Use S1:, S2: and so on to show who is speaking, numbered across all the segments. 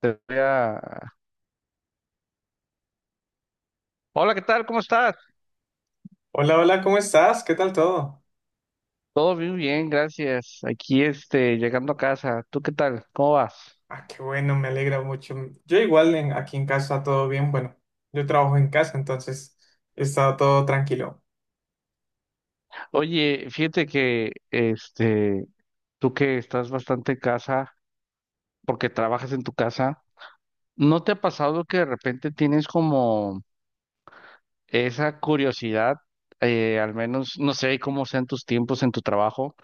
S1: Te voy a- Hola, ¿qué tal? ¿Cómo estás?
S2: Hola, hola, ¿cómo estás? ¿Qué tal todo?
S1: Todo muy bien, gracias. Aquí, llegando a casa. ¿Tú qué tal? ¿Cómo vas?
S2: Ah, qué bueno, me alegra mucho. Yo igual aquí en casa todo bien. Bueno, yo trabajo en casa, entonces he estado todo tranquilo.
S1: Oye, fíjate que, tú que estás bastante en casa, porque trabajas en tu casa, ¿no te ha pasado que de repente tienes como esa curiosidad? Al menos, no sé cómo sean tus tiempos en tu trabajo,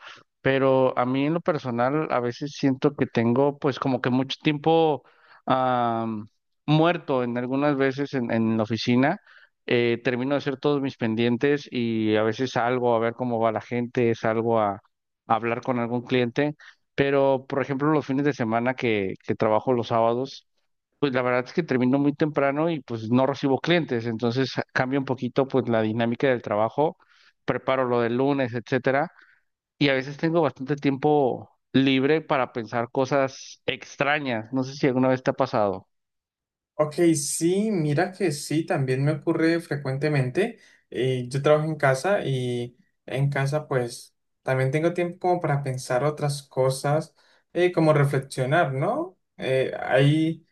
S1: pero a mí en lo personal a veces siento que tengo pues como que mucho tiempo am, muerto en algunas veces en la oficina. Termino de hacer todos mis pendientes y a veces salgo a ver cómo va la gente, salgo a hablar con algún cliente, pero por ejemplo los fines de semana que trabajo los sábados, pues la verdad es que termino muy temprano y pues no recibo clientes, entonces cambio un poquito pues la dinámica del trabajo, preparo lo del lunes, etcétera, y a veces tengo bastante tiempo libre para pensar cosas extrañas, no sé si alguna vez te ha pasado.
S2: Ok, sí, mira que sí, también me ocurre frecuentemente. Yo trabajo en casa y en casa pues también tengo tiempo como para pensar otras cosas, como reflexionar, ¿no? Hay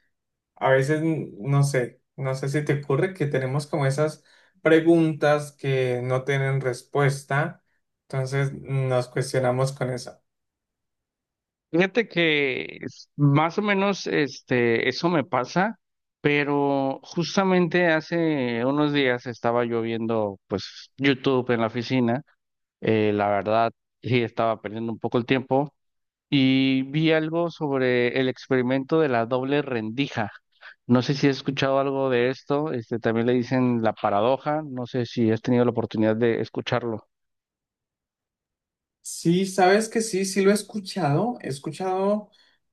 S2: a veces, no sé, no sé si te ocurre que tenemos como esas preguntas que no tienen respuesta, entonces nos cuestionamos con eso.
S1: Fíjate que es- más o menos este eso me pasa, pero justamente hace unos días estaba yo viendo pues YouTube en la oficina. La verdad sí estaba perdiendo un poco el tiempo, y vi algo sobre el experimento de la doble rendija. No sé si has escuchado algo de esto, este, también le dicen la paradoja, no sé si has tenido la oportunidad de escucharlo.
S2: Sí, sabes que sí, sí lo he escuchado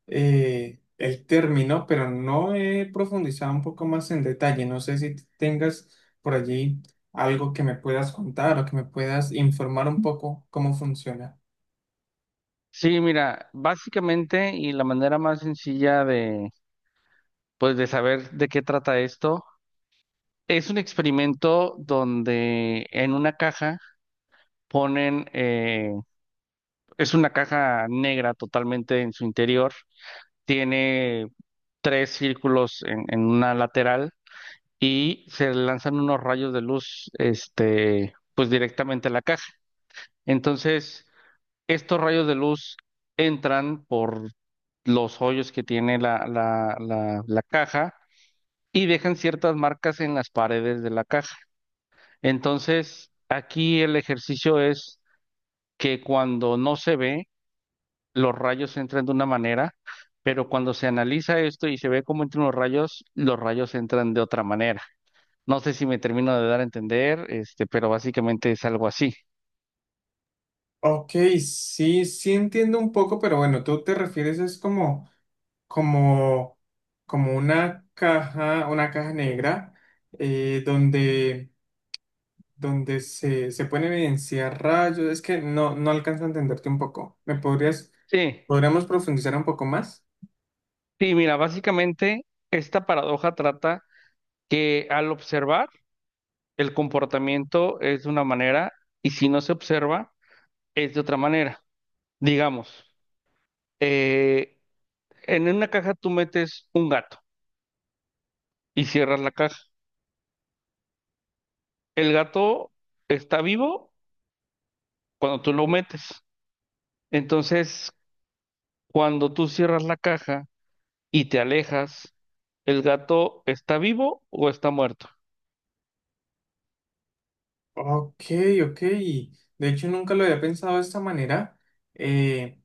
S2: el término, pero no he profundizado un poco más en detalle. No sé si tengas por allí algo que me puedas contar o que me puedas informar un poco cómo funciona.
S1: Sí, mira, básicamente y la manera más sencilla de, pues, de saber de qué trata esto, es un experimento donde en una caja ponen, es una caja negra totalmente en su interior, tiene tres círculos en una lateral y se lanzan unos rayos de luz, este, pues directamente a la caja. Entonces, estos rayos de luz entran por los hoyos que tiene la caja y dejan ciertas marcas en las paredes de la caja. Entonces, aquí el ejercicio es que cuando no se ve, los rayos entran de una manera, pero cuando se analiza esto y se ve cómo entran los rayos entran de otra manera. No sé si me termino de dar a entender, este, pero básicamente es algo así.
S2: Ok, sí, sí entiendo un poco, pero bueno, tú te refieres es como como, como una caja negra donde, donde se pueden evidenciar rayos. Es que no, no alcanzo a entenderte un poco. ¿Me podrías,
S1: Sí,
S2: podríamos profundizar un poco más?
S1: sí, mira, básicamente esta paradoja trata que al observar el comportamiento es de una manera y si no se observa es de otra manera. Digamos, eh, en una caja tú metes un gato y cierras la caja. El gato está vivo cuando tú lo metes. Entonces, cuando tú cierras la caja y te alejas, ¿el gato está vivo o está muerto?
S2: Ok, ok. De hecho, nunca lo había pensado de esta manera. Eh,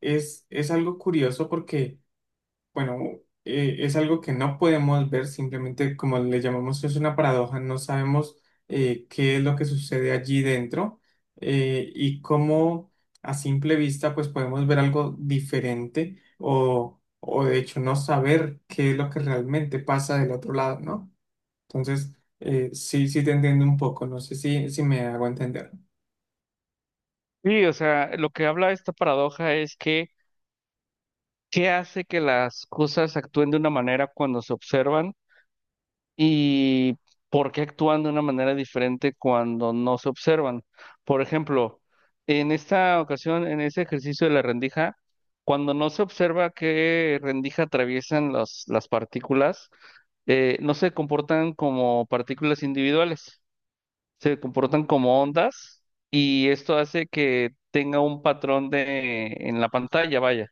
S2: es algo curioso porque bueno, es algo que no podemos ver, simplemente como le llamamos, es una paradoja, no sabemos qué es lo que sucede allí dentro, y cómo a simple vista pues podemos ver algo diferente o de hecho no saber qué es lo que realmente pasa del otro lado, ¿no? Entonces, sí, sí te entiendo un poco, no sé si, si me hago entender.
S1: Sí, o sea, lo que habla esta paradoja es que qué hace que las cosas actúen de una manera cuando se observan y por qué actúan de una manera diferente cuando no se observan. Por ejemplo, en esta ocasión, en ese ejercicio de la rendija, cuando no se observa qué rendija atraviesan los- las partículas, no se comportan como partículas individuales. Se comportan como ondas y esto hace que tenga un patrón de en la pantalla, vaya.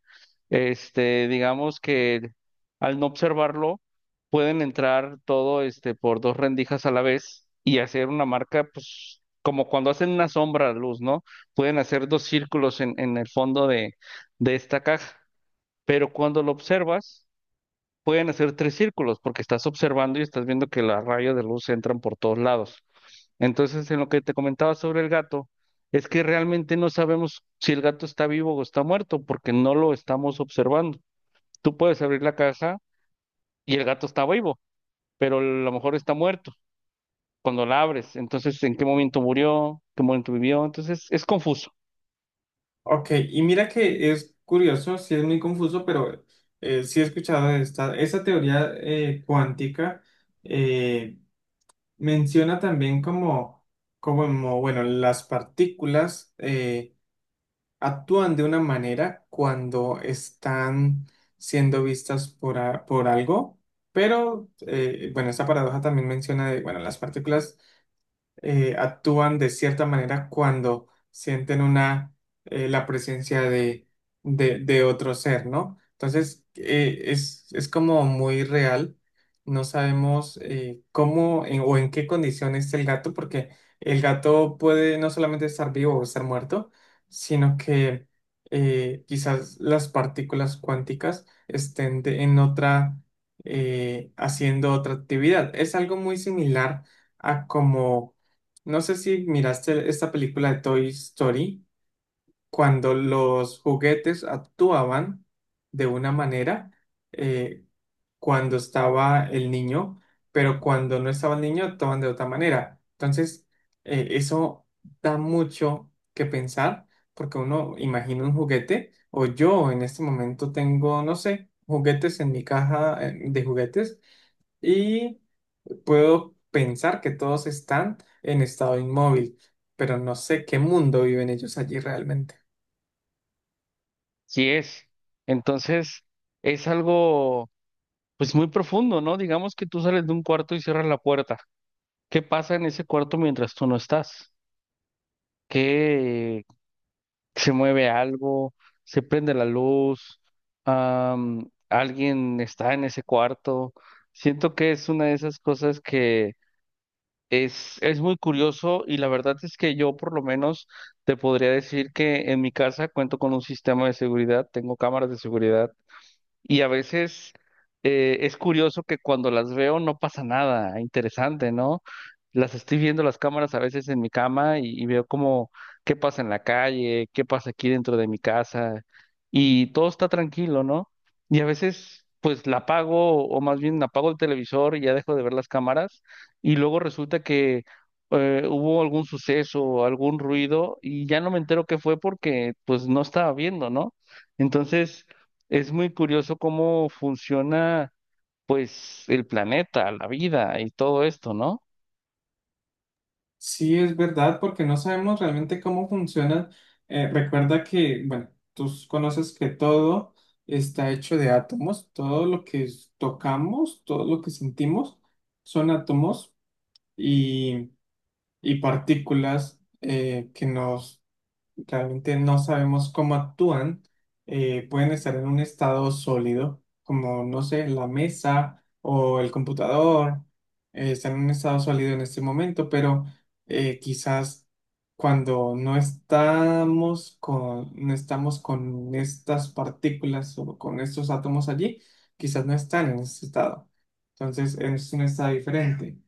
S1: Este, digamos que al no observarlo pueden entrar todo este por dos rendijas a la vez y hacer una marca, pues como cuando hacen una sombra a luz, ¿no? Pueden hacer dos círculos en el fondo de esta caja, pero cuando lo observas pueden hacer tres círculos porque estás observando y estás viendo que los rayos de luz entran por todos lados. Entonces, en lo que te comentaba sobre el gato, es que realmente no sabemos si el gato está vivo o está muerto, porque no lo estamos observando. Tú puedes abrir la caja y el gato está vivo, pero a lo mejor está muerto cuando la abres. Entonces, ¿en qué momento murió? ¿Qué momento vivió? Entonces, es confuso.
S2: Ok, y mira que es curioso, sí es muy confuso, pero sí he escuchado de esta, esa teoría cuántica, eh, menciona también como, bueno, las partículas actúan de una manera cuando están siendo vistas por, por algo, pero, bueno, esta paradoja también menciona de, bueno, las partículas actúan de cierta manera cuando sienten una, la presencia de otro ser, ¿no? Entonces, es como muy real. No sabemos cómo o en qué condición está el gato, porque el gato puede no solamente estar vivo o estar muerto, sino que quizás las partículas cuánticas estén en otra, haciendo otra actividad. Es algo muy similar a como no sé si miraste esta película de Toy Story, cuando los juguetes actuaban de una manera eh, cuando estaba el niño, pero cuando no estaba el niño actuaban de otra manera. Entonces, eso da mucho que pensar, porque uno imagina un juguete, o yo en este momento tengo, no sé, juguetes en mi caja de juguetes y... Puedo pensar que todos están en estado inmóvil, pero no sé qué mundo viven ellos allí realmente.
S1: Sí es. Entonces, es algo, pues, muy profundo, ¿no? Digamos que tú sales de un cuarto y cierras la puerta. ¿Qué pasa en ese cuarto mientras tú no estás? ¿Qué, se mueve algo, se prende la luz, alguien está en ese cuarto? Siento que es una de esas cosas que es muy curioso y la verdad es que yo por lo menos te podría decir que en mi casa cuento con un sistema de seguridad, tengo cámaras de seguridad y a veces es curioso que cuando las veo no pasa nada interesante, ¿no? Las estoy viendo las cámaras a veces en mi cama y veo como qué pasa en la calle, qué pasa aquí dentro de mi casa y todo está tranquilo, ¿no? Y a veces pues la apago o más bien apago el televisor y ya dejo de ver las cámaras y luego resulta que hubo algún suceso o algún ruido y ya no me entero qué fue porque pues no estaba viendo, ¿no? Entonces... es muy curioso cómo funciona, pues, el planeta, la vida y todo esto, ¿no?
S2: Sí, es verdad, porque no sabemos realmente cómo funcionan. Recuerda que, bueno, tú conoces que todo está hecho de átomos, todo lo que tocamos, todo lo que sentimos son átomos y, y partículas que nos realmente no sabemos cómo actúan, pueden estar en un estado sólido, como, no sé, la mesa o el computador, están en un estado sólido en este momento, pero quizás cuando no estamos con, no estamos con estas partículas o con estos átomos allí, quizás no están en ese estado. Entonces es un estado diferente,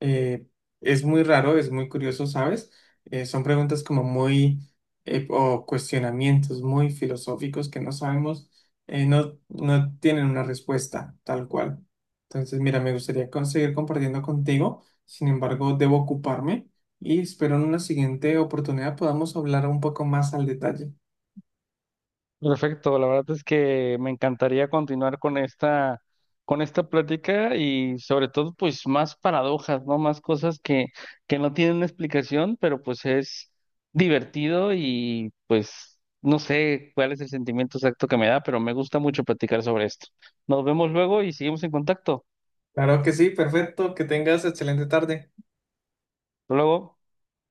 S2: eh, es muy raro, es muy curioso, ¿sabes? Son preguntas como muy, o cuestionamientos muy filosóficos que no sabemos, no, no tienen una respuesta tal cual. Entonces, mira, me gustaría seguir compartiendo contigo, sin embargo, debo ocuparme y espero en una siguiente oportunidad podamos hablar un poco más al detalle.
S1: Perfecto, la verdad es que me encantaría continuar con con esta plática y sobre todo, pues, más paradojas, ¿no? Más cosas que no tienen una explicación, pero pues es divertido y pues no sé cuál es el sentimiento exacto que me da, pero me gusta mucho platicar sobre esto. Nos vemos luego y seguimos en contacto.
S2: Claro que sí, perfecto, que tengas excelente tarde.
S1: Hasta luego.